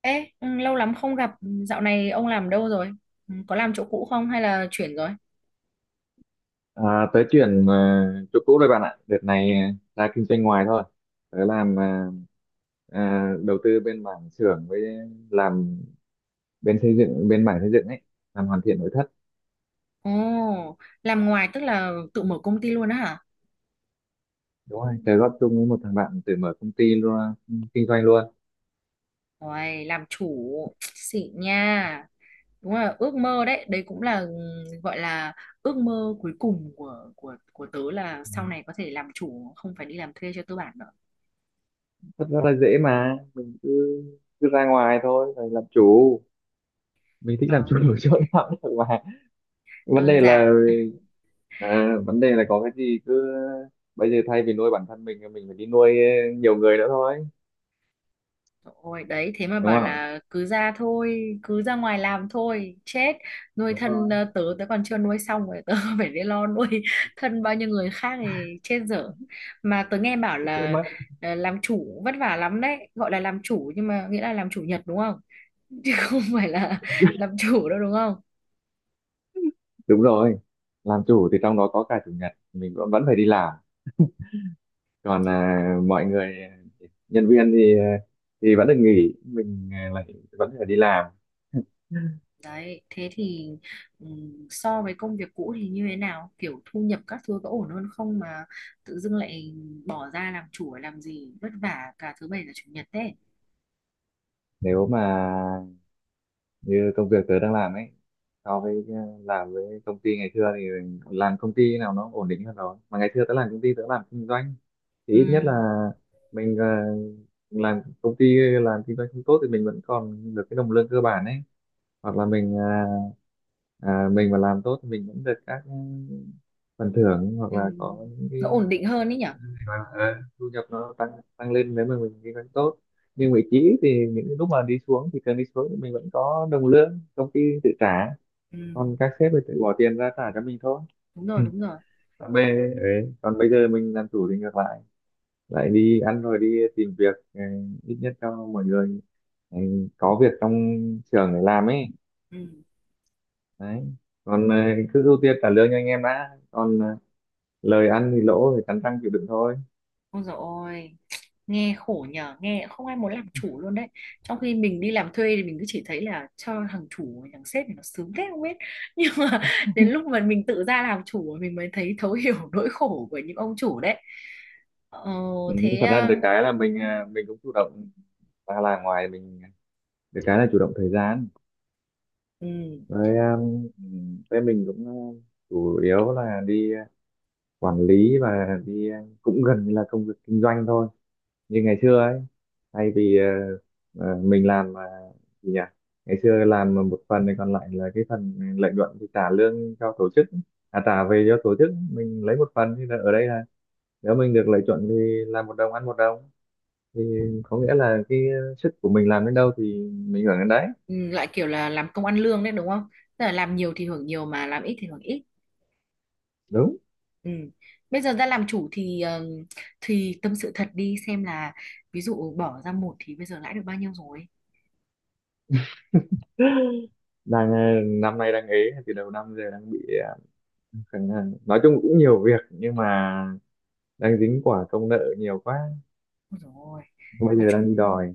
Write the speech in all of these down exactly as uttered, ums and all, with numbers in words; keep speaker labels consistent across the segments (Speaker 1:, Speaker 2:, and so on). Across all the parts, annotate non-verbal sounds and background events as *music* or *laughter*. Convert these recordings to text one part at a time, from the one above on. Speaker 1: Ê, ừ, lâu lắm không gặp. Ừ, dạo này ông làm đâu rồi? Ừ, có làm chỗ cũ không hay là chuyển rồi?
Speaker 2: À, tớ chuyển à, chỗ cũ rồi bạn ạ. Đợt này à, ra kinh doanh ngoài thôi. Tớ làm à, à, đầu tư bên mảng xưởng với làm bên xây dựng, bên mảng xây dựng ấy, làm hoàn thiện nội thất.
Speaker 1: Ồ, làm ngoài tức là tự mở công ty luôn á hả?
Speaker 2: Đúng rồi, tớ góp chung với một thằng bạn tự mở công ty luôn, kinh doanh luôn.
Speaker 1: Ôi, làm chủ, xịn nha. Đúng là ước mơ đấy, đấy cũng là ừ, gọi là ước mơ cuối cùng của của của tớ là
Speaker 2: Ừ.
Speaker 1: sau này có thể làm chủ, không phải đi làm thuê cho tư bản nữa.
Speaker 2: Thật ra là dễ mà, mình cứ cứ ra ngoài thôi, rồi làm chủ. Mình thích làm chủ *laughs*
Speaker 1: Nói
Speaker 2: ở chỗ nào cũng được mà. Vấn
Speaker 1: đơn
Speaker 2: đề
Speaker 1: giản.
Speaker 2: là. À, vấn đề là có cái gì cứ bây giờ thay vì nuôi bản thân mình thì mình phải đi nuôi ờ, nhiều người nữa thôi,
Speaker 1: Ôi đấy, thế mà
Speaker 2: đúng
Speaker 1: bảo
Speaker 2: không?
Speaker 1: là cứ ra thôi, cứ ra ngoài làm thôi chết. Nuôi
Speaker 2: Đúng
Speaker 1: thân
Speaker 2: rồi.
Speaker 1: ờ, tớ tớ còn chưa nuôi xong rồi tớ *laughs* phải đi lo nuôi thân bao nhiêu người khác thì chết dở. Mà tớ nghe bảo
Speaker 2: Cái trước
Speaker 1: là
Speaker 2: mắt.
Speaker 1: ờ, làm chủ vất vả lắm đấy, gọi là làm chủ nhưng mà nghĩa là làm chủ nhật, đúng không? *laughs* Chứ không phải là *laughs* làm chủ đâu, đúng không?
Speaker 2: Đúng rồi, làm chủ thì trong đó có cả chủ nhật mình vẫn vẫn phải đi làm, còn à, mọi người, à, nhân viên thì à, thì vẫn được nghỉ, mình à, lại vẫn phải đi làm.
Speaker 1: Đấy, thế thì ừm, so với công việc cũ thì như thế nào? Kiểu thu nhập các thứ có ổn hơn không mà tự dưng lại bỏ ra làm chủ để làm gì vất vả cả thứ bảy và chủ nhật đấy.
Speaker 2: Nếu mà như công việc tớ đang làm ấy, so với à, làm với công ty ngày xưa, thì làm công ty nào nó ổn định hơn rồi. Mà ngày xưa tớ làm công ty tớ làm kinh doanh, thì ít nhất là
Speaker 1: Ừm,
Speaker 2: mình, à, làm công ty làm kinh doanh không tốt thì mình vẫn còn được cái đồng lương cơ bản ấy, hoặc là mình à, à, mình mà làm tốt thì mình vẫn được các ừ, phần thưởng, hoặc là
Speaker 1: ừm.
Speaker 2: có những
Speaker 1: Nó
Speaker 2: cái,
Speaker 1: ổn định hơn ấy nhở?
Speaker 2: ờ, thu nhập nó tăng tăng lên nếu mà mình kinh doanh tốt. Nhưng vị trí thì những lúc mà đi xuống thì cần đi xuống thì mình vẫn có đồng lương công ty tự trả,
Speaker 1: Ừm,
Speaker 2: còn các sếp thì tự bỏ tiền ra trả cho mình thôi.
Speaker 1: đúng rồi, đúng rồi.
Speaker 2: còn bây, ấy, Còn bây giờ mình làm chủ thì ngược lại, lại đi ăn rồi đi tìm việc, ừ, ít nhất cho mọi người, ừ, có việc trong trường để làm ấy.
Speaker 1: Ừm.
Speaker 2: Đấy, còn ờ, cứ ưu tiên trả lương cho anh em đã, còn ờ, lời ăn thì lỗ thì cắn răng chịu đựng thôi.
Speaker 1: Ôi dồi ôi, nghe khổ nhờ, nghe không ai muốn làm chủ luôn đấy. Trong khi mình đi làm thuê thì mình cứ chỉ thấy là cho thằng chủ, thằng sếp thì nó sướng thế không biết. *laughs* Nhưng mà đến lúc mà mình tự ra làm chủ mình mới thấy thấu hiểu *laughs* nỗi khổ của những ông chủ đấy. Ờ,
Speaker 2: Ừ,
Speaker 1: thế
Speaker 2: thật ra
Speaker 1: à,
Speaker 2: được cái là mình ờ, mình cũng chủ động ra là ngoài, mình ờ, được cái là chủ động thời gian,
Speaker 1: ừ,
Speaker 2: với um, ừ, với mình cũng ờ, chủ yếu là đi ờ, quản lý, và đi ờ, cũng gần như là công việc kinh doanh thôi như ngày xưa ấy. Thay vì ờ, ờ, mình làm mà, gì nhỉ, ngày xưa làm mà một phần thì còn lại là cái phần lợi nhuận thì trả lương cho tổ chức, à, trả về cho tổ chức mình lấy một phần, thì là ở đây là nếu mình được lợi nhuận thì làm một đồng ăn một đồng, thì có nghĩa là cái sức của mình làm đến đâu thì mình hưởng đến đấy.
Speaker 1: ừ, lại kiểu là làm công ăn lương đấy đúng không? Tức là làm nhiều thì hưởng nhiều mà làm ít thì hưởng ít.
Speaker 2: Đúng.
Speaker 1: Ừ. Bây giờ ra làm chủ thì ờ, thì tâm sự thật đi xem là ví dụ bỏ ra một thì bây giờ lãi được bao nhiêu rồi.
Speaker 2: Đang ờ, năm nay đang ế, từ đầu năm giờ đang bị ờ, khẳng- ờ, nói chung cũng nhiều việc nhưng mà đang dính quả công nợ nhiều quá,
Speaker 1: Rồi.
Speaker 2: bây
Speaker 1: Nói
Speaker 2: giờ
Speaker 1: chung
Speaker 2: đang đi đòi.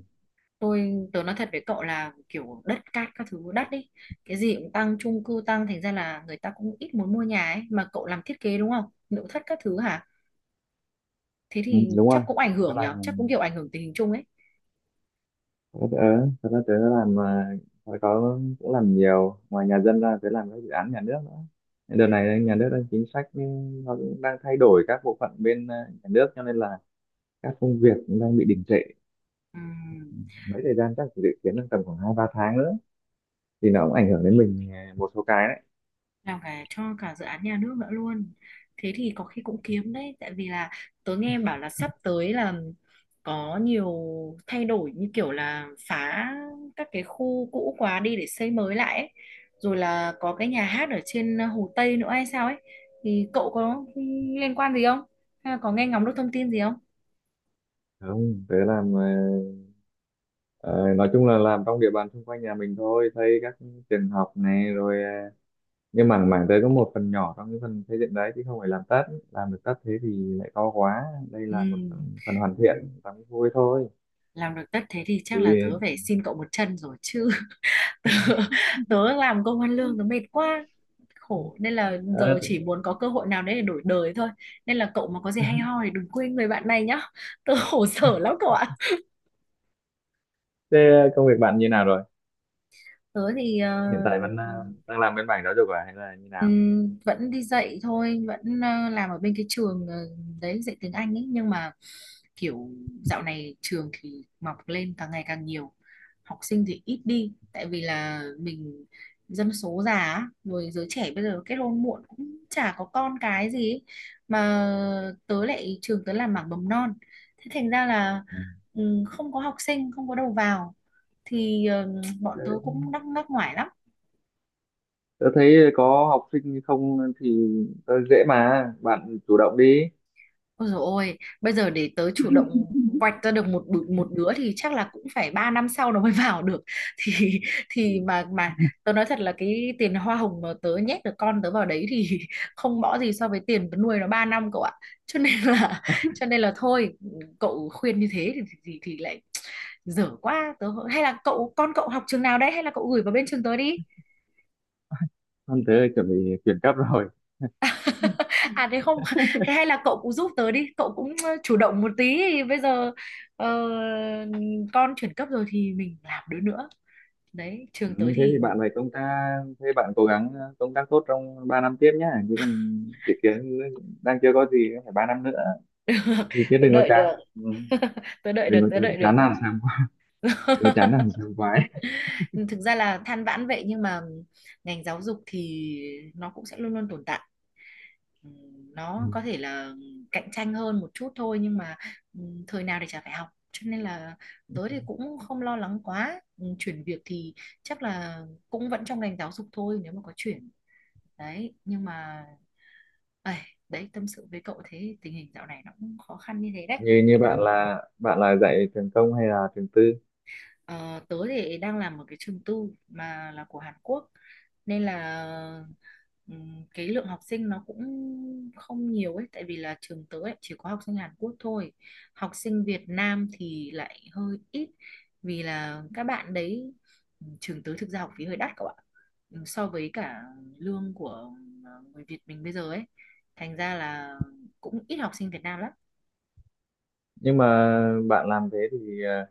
Speaker 1: tôi tớ nói thật với cậu là kiểu đất cát các thứ đắt ấy, cái gì cũng tăng, chung cư tăng, thành ra là người ta cũng ít muốn mua nhà ấy. Mà cậu làm thiết kế đúng không, nội thất các thứ hả? Thế
Speaker 2: Ừ,
Speaker 1: thì
Speaker 2: đúng
Speaker 1: chắc
Speaker 2: rồi.
Speaker 1: cũng ảnh
Speaker 2: Cái
Speaker 1: hưởng
Speaker 2: là,
Speaker 1: nhở, chắc cũng kiểu ảnh hưởng tình hình chung ấy.
Speaker 2: ok, thật ra tớ, ờ, tớ, tớ làm à, hồi có cũng làm nhiều, ngoài nhà dân ra tớ làm các dự án nhà nước nữa. Đợt này nhà nước đang chính sách ừ, nó cũng đang thay đổi các bộ phận bên à, nhà nước, cho nên là các công việc cũng đang bị đình trệ
Speaker 1: Ừm.
Speaker 2: mấy thời gian, chắc dự kiến trong tầm khoảng hai ba tháng nữa thì nó cũng ảnh hưởng đến mình à, một số cái đấy.
Speaker 1: Làm cả cho cả dự án nhà nước nữa luôn, thế thì có khi cũng kiếm đấy, tại vì là tớ nghe bảo là sắp tới là có nhiều thay đổi như kiểu là phá các cái khu cũ quá đi để xây mới lại ấy. Rồi là có cái nhà hát ở trên Hồ Tây nữa hay sao ấy, thì cậu có liên quan gì không, hay là có nghe ngóng được thông tin gì không?
Speaker 2: Không, tớ làm à, ờ, nói chung là làm trong địa bàn xung quanh nhà mình thôi, xây các trường học này rồi ờ, nhưng mà mảng đấy có một phần nhỏ trong cái phần xây dựng đấy chứ không phải làm tất. Làm được tất thế thì lại to quá. Đây
Speaker 1: Ừ,
Speaker 2: là một phần, phần hoàn thiện tắm vui thôi.
Speaker 1: làm được tất thế thì chắc là
Speaker 2: Thì,
Speaker 1: tớ phải xin cậu một chân rồi chứ. *laughs* Tớ làm công ăn lương tớ mệt quá khổ, nên là giờ chỉ muốn có cơ hội nào đấy để đổi đời thôi, nên là cậu mà có gì hay ho thì đừng quên người bạn này nhá. *laughs* Tớ khổ sở lắm cậu ạ.
Speaker 2: thế công việc bạn như nào rồi,
Speaker 1: Tớ thì ờ,
Speaker 2: hiện tại vẫn à, đang làm bên mảng giáo dục à hay là như nào?
Speaker 1: Ừm, vẫn đi dạy thôi, vẫn ờ, làm ở bên cái trường ờ, đấy, dạy tiếng Anh ấy, nhưng mà kiểu dạo này trường thì mọc lên càng ngày càng nhiều, học sinh thì ít đi tại vì là mình dân số già á, rồi giới trẻ bây giờ kết hôn muộn cũng chả có con cái gì ấy. Mà tớ lại trường tớ làm mảng mầm non, thế thành ra là
Speaker 2: Ừ.
Speaker 1: ừm, không có học sinh, không có đầu vào, thì ờ, bọn tớ
Speaker 2: Đấy,
Speaker 1: cũng đắc ngắc ngoải lắm.
Speaker 2: tớ thấy có học sinh không thì tớ dễ mà, bạn chủ động đi.
Speaker 1: Ôi dồi ôi, bây giờ để tớ chủ động quạch ra được một bự- một đứa thì chắc là cũng phải ba năm sau nó mới vào được. *laughs* Thì thì
Speaker 2: Ừ.
Speaker 1: mà mà tớ nói thật là cái tiền hoa hồng mà tớ nhét được con tớ vào đấy thì *laughs* không bỏ gì so với tiền tớ nuôi nó ba năm cậu ạ. Cho nên là cho nên là thôi, cậu khuyên như thế thì thì, thì thì lại dở quá tớ, hay là cậu con cậu học trường nào đấy, hay là cậu gửi vào bên trường tớ đi.
Speaker 2: Không, thế là chuẩn bị chuyển cấp rồi.
Speaker 1: *laughs* À thế không. *laughs* Thế hay là cậu cũng giúp tớ đi, cậu cũng ờ, chủ động một tí, thì bây giờ ờ, con chuyển cấp rồi thì mình làm đứa nữa đấy, trường tới
Speaker 2: Ừ, thế thì
Speaker 1: thì
Speaker 2: bạn phải công tác, thế bạn cố gắng à, công tác tốt trong ba năm tiếp nhá, chứ còn dự kiến đang chưa có gì, phải ba năm nữa
Speaker 1: *laughs* được.
Speaker 2: thì, chứ
Speaker 1: Tớ
Speaker 2: đừng có
Speaker 1: đợi
Speaker 2: chán.
Speaker 1: được.
Speaker 2: Ừ.
Speaker 1: *laughs* Tớ đợi được,
Speaker 2: Đừng có
Speaker 1: tớ đợi được.
Speaker 2: chán nản sảng khoái. Đừng có chán nản
Speaker 1: *laughs*
Speaker 2: sảng khoái.
Speaker 1: Thực ra là than vãn vậy nhưng mà ngành giáo dục thì nó cũng sẽ luôn luôn tồn tại, ừ,
Speaker 2: Ừ.
Speaker 1: nó có thể là cạnh tranh hơn một chút thôi, nhưng mà ừ, thời nào thì chả phải học, cho nên là tớ thì cũng không lo lắng quá. Ừ, chuyển việc thì chắc là cũng vẫn trong ngành giáo dục thôi nếu mà có chuyển đấy. Nhưng mà ấy, đấy, tâm sự với cậu thế, tình hình dạo này nó cũng khó khăn như thế đấy.
Speaker 2: Như như bạn là, bạn là dạy trường công hay là trường tư?
Speaker 1: Ờ, tớ thì đang làm một cái trường tư mà là của Hàn Quốc, nên là ừm, cái lượng học sinh nó cũng không nhiều ấy, tại vì là trường tớ ấy chỉ có học sinh Hàn Quốc thôi, học sinh Việt Nam thì lại hơi ít, vì là các bạn đấy ừm, trường tớ thực ra học phí hơi đắt các bạn, Ừm, so với cả lương của ờ, người Việt mình bây giờ ấy, thành ra là cũng ít học sinh Việt Nam lắm.
Speaker 2: Nhưng mà bạn làm thế thì ờ,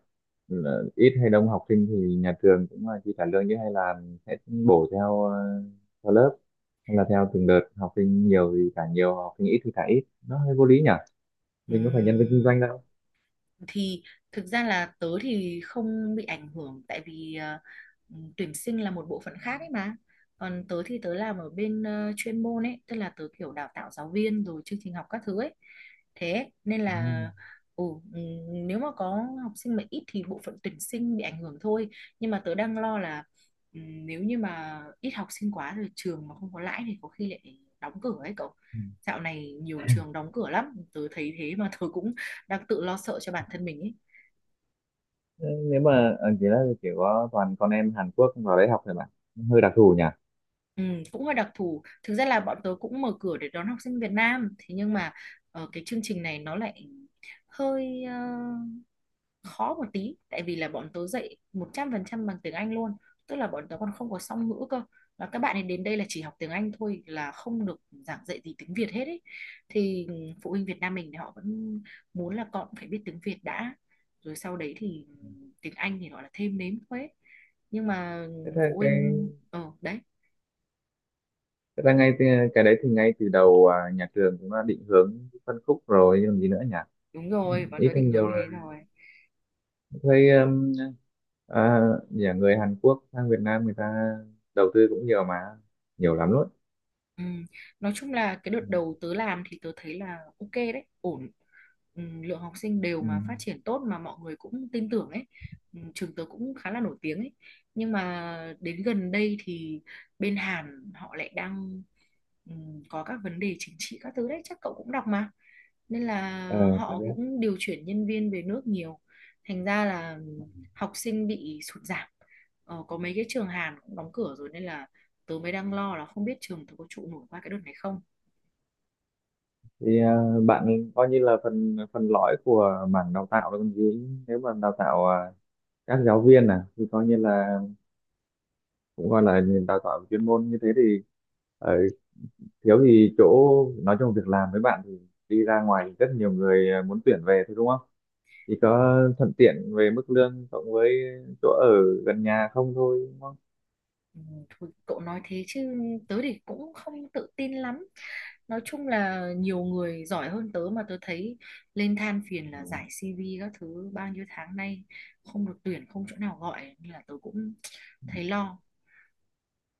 Speaker 2: là ít hay đông học sinh thì nhà trường cũng là chi trả lương, chứ hay là sẽ bổ theo ờ, theo lớp, hay là theo từng đợt, học sinh nhiều thì trả nhiều, học sinh ít thì trả ít, nó hơi vô lý nhỉ, mình có phải nhân viên kinh
Speaker 1: Ừm,
Speaker 2: doanh đâu.
Speaker 1: thì thực ra là tớ thì không bị ảnh hưởng, tại vì ờ, tuyển sinh là một bộ phận khác ấy mà, còn tớ thì tớ làm ở bên ờ, chuyên môn ấy, tức là tớ kiểu đào tạo giáo viên rồi chương trình học các thứ ấy, thế nên
Speaker 2: À.
Speaker 1: là ừ, ừ, nếu mà có học sinh mà ít thì bộ phận tuyển sinh bị ảnh hưởng thôi. Nhưng mà tớ đang lo là ừ, nếu như mà ít học sinh quá rồi trường mà không có lãi thì có khi lại đóng cửa ấy cậu.
Speaker 2: Ừ.
Speaker 1: Dạo này nhiều trường đóng cửa lắm tớ thấy, thế mà tớ cũng đang tự lo sợ cho bản thân mình ấy.
Speaker 2: Thế nếu mà ờ, chỉ là chỉ có toàn con em Hàn Quốc vào đấy học thôi bạn, hơi đặc thù nhỉ.
Speaker 1: Ừ, cũng hơi đặc thù. Thực ra là bọn tớ cũng mở cửa để đón học sinh Việt Nam, thế nhưng mà ờ, cái chương trình này nó lại hơi ờ, khó một tí, tại vì là bọn tớ dạy một trăm phần trăm bằng tiếng Anh luôn, tức là bọn tớ còn không có song ngữ cơ, và các bạn ấy đến đây là chỉ học tiếng Anh thôi, là không được giảng dạy gì tiếng Việt hết ấy, thì phụ huynh Việt Nam mình thì họ vẫn muốn là con phải biết tiếng Việt đã, rồi sau đấy thì tiếng Anh thì gọi là thêm nếm thôi ấy. Nhưng mà
Speaker 2: Thế thế
Speaker 1: phụ
Speaker 2: cái,
Speaker 1: huynh ờ đấy.
Speaker 2: thật ra ngay từ- cái đấy thì ngay từ đầu à, nhà trường cũng đã định hướng phân khúc rồi chứ, làm gì nữa nhỉ,
Speaker 1: Đúng rồi, bọn
Speaker 2: ít
Speaker 1: tớ
Speaker 2: hay
Speaker 1: định hướng
Speaker 2: nhiều
Speaker 1: như
Speaker 2: rồi.
Speaker 1: thế rồi.
Speaker 2: Thấy um, à, nhà người Hàn Quốc sang Việt Nam người ta đầu tư cũng nhiều mà, nhiều lắm luôn.
Speaker 1: Ừ. Nói chung là cái đợt
Speaker 2: Ừ.
Speaker 1: đầu tớ làm thì tớ thấy là ok đấy, ổn. Ừ, lượng học sinh đều
Speaker 2: Ừ.
Speaker 1: mà phát triển tốt mà mọi người cũng tin tưởng ấy. Ừ, trường tớ cũng khá là nổi tiếng ấy. Nhưng mà đến gần đây thì bên Hàn họ lại đang ừ, có các vấn đề chính trị các thứ đấy, chắc cậu cũng đọc mà, nên là
Speaker 2: Ờ, phải
Speaker 1: họ
Speaker 2: đấy.
Speaker 1: cũng điều chuyển nhân viên về nước nhiều, thành ra là học sinh bị sụt giảm, ờ, có mấy cái trường Hàn cũng đóng cửa rồi, nên là tớ mới đang lo là không biết trường tớ có trụ nổi qua cái đợt này không.
Speaker 2: Thì à, bạn coi như là phần phần lõi của mảng đào tạo đó còn gì, nếu mà đào tạo à, các giáo viên à, thì coi như là cũng gọi là đào tạo chuyên môn như thế thì ờ, thiếu thì chỗ, nói chung việc làm với bạn thì đi ra ngoài thì rất nhiều người à, muốn tuyển về thôi, đúng không? Chỉ có thuận tiện về mức lương cộng với chỗ ở gần nhà không thôi, đúng không?
Speaker 1: Ừ, thôi cậu nói thế chứ tớ thì cũng không tự tin lắm, nói chung là nhiều người giỏi hơn tớ mà tớ thấy lên than phiền là giải xi vi các thứ bao nhiêu tháng nay không được tuyển, không chỗ nào gọi, nên là tớ cũng thấy lo,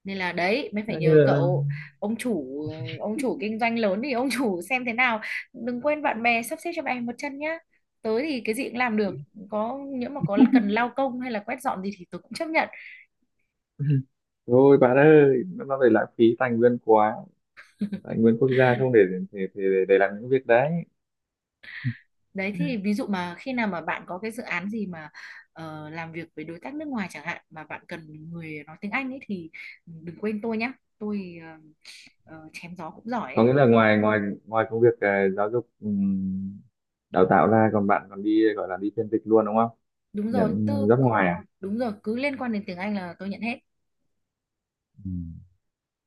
Speaker 1: nên là đấy mới
Speaker 2: Thế
Speaker 1: phải
Speaker 2: như
Speaker 1: nhờ
Speaker 2: là...
Speaker 1: cậu. Ông chủ, ông chủ kinh doanh lớn thì ông chủ xem thế nào, đừng quên bạn bè, sắp xếp cho bạn một chân nhá. Tới thì cái gì cũng làm được, có những mà có cần lao công hay là quét dọn gì thì tôi cũng chấp nhận.
Speaker 2: *laughs* Thôi bạn ơi, nó nó lại lãng phí tài nguyên quá, tài nguyên quốc gia không để để để, để làm những việc đấy.
Speaker 1: Đấy, thì ví dụ mà khi nào mà bạn có cái dự án gì mà ờ, làm việc với đối tác nước ngoài chẳng hạn mà bạn cần người nói tiếng Anh ấy, thì đừng quên tôi nhá. Tôi ờ, ờ, chém gió cũng giỏi
Speaker 2: Có
Speaker 1: ấy.
Speaker 2: nghĩa là ngoài ngoài ngoài công việc à, giáo dục ừm, đào tạo ra, còn bạn còn đi gọi là đi phiên dịch luôn, đúng không?
Speaker 1: Đúng
Speaker 2: Nhận
Speaker 1: rồi tôi,
Speaker 2: job ngoài à?
Speaker 1: đúng rồi, cứ liên quan đến tiếng Anh là tôi nhận hết.
Speaker 2: Ừ.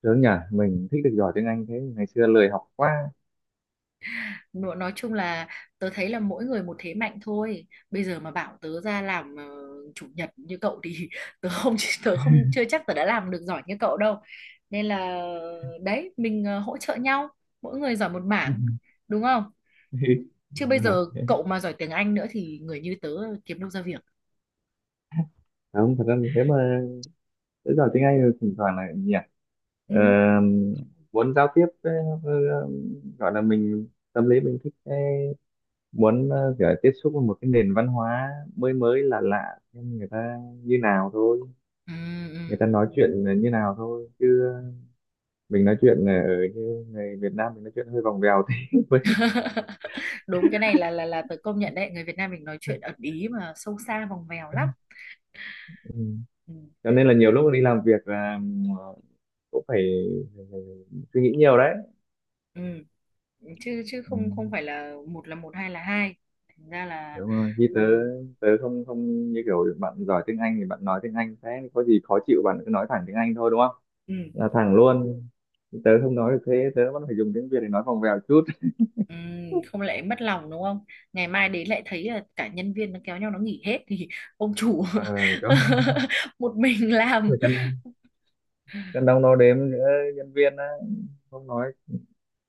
Speaker 2: Sướng nhỉ, mình thích được giỏi tiếng Anh thế, ngày xưa lười học quá.
Speaker 1: Nó- nói chung là tớ thấy là mỗi người một thế mạnh thôi, bây giờ mà bảo tớ ra làm ờ, chủ nhật như cậu thì *laughs* tớ không tớ không chưa chắc tớ đã làm được giỏi như cậu đâu, nên là đấy mình ờ, hỗ trợ nhau, mỗi người giỏi một mảng,
Speaker 2: *laughs*
Speaker 1: đúng không, chứ bây
Speaker 2: Đúng rồi.
Speaker 1: giờ cậu mà giỏi tiếng Anh nữa thì người như tớ kiếm đâu ra việc.
Speaker 2: Không, thật ra là thế mà, tới giờ tiếng Anh rồi thỉnh thoảng là nhỉ, ờ,
Speaker 1: Ừ.
Speaker 2: muốn giao tiếp ờ, ờ, gọi là mình, tâm lý mình thích cái muốn ờ, kiểu tiếp xúc với một cái nền văn hóa mới mới lạ lạ, xem người ta như nào thôi.
Speaker 1: Ừ,
Speaker 2: Người
Speaker 1: ừ.
Speaker 2: ta nói chuyện là như nào thôi, chứ mình nói chuyện là ở như người Việt Nam mình nói chuyện hơi vòng vèo thế *laughs* Với-
Speaker 1: *laughs* Đúng, cái này là là là tớ công nhận đấy, người Việt Nam mình nói chuyện ẩn ý mà sâu xa vòng vèo lắm.
Speaker 2: ừ.
Speaker 1: Ừ.
Speaker 2: Cho nên là nhiều lúc đi làm việc là ờ, cũng phải, phải suy nghĩ nhiều đấy.
Speaker 1: Ừ. chứ chứ
Speaker 2: Ừ.
Speaker 1: không không phải là một là một, hai là hai, thành ra là
Speaker 2: Đúng rồi, khi
Speaker 1: ừ,
Speaker 2: tớ, tớ không không như kiểu bạn giỏi tiếng Anh thì bạn nói tiếng Anh, thế có gì khó chịu bạn cứ nói thẳng tiếng Anh thôi, đúng không,
Speaker 1: ừ,
Speaker 2: là thẳng luôn. Tớ không nói được thế, tớ vẫn phải dùng tiếng Việt để nói vòng vèo chút.
Speaker 1: ừ, không lại mất lòng đúng không, ngày mai đến lại thấy là cả nhân viên nó kéo nhau nó nghỉ hết thì ông chủ
Speaker 2: ờ đó,
Speaker 1: *laughs* một mình
Speaker 2: phải
Speaker 1: làm.
Speaker 2: cân, cân đong đo đếm nữa, nhân viên á, không nói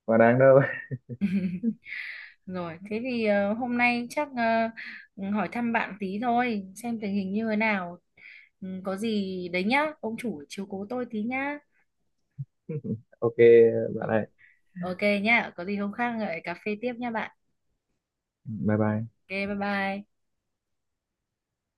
Speaker 2: quá đáng đâu.
Speaker 1: Rồi thế thì ờ, hôm nay chắc ờ, hỏi thăm bạn tí thôi xem tình hình như thế nào. Ừ, có gì đấy nhá, ông chủ chiếu cố tôi tí nhá.
Speaker 2: *laughs* Ok
Speaker 1: Ừ,
Speaker 2: bạn ơi,
Speaker 1: ok nhá, có gì hôm khác lại cà phê tiếp nha bạn.
Speaker 2: bye bye.
Speaker 1: Ok, bye bye.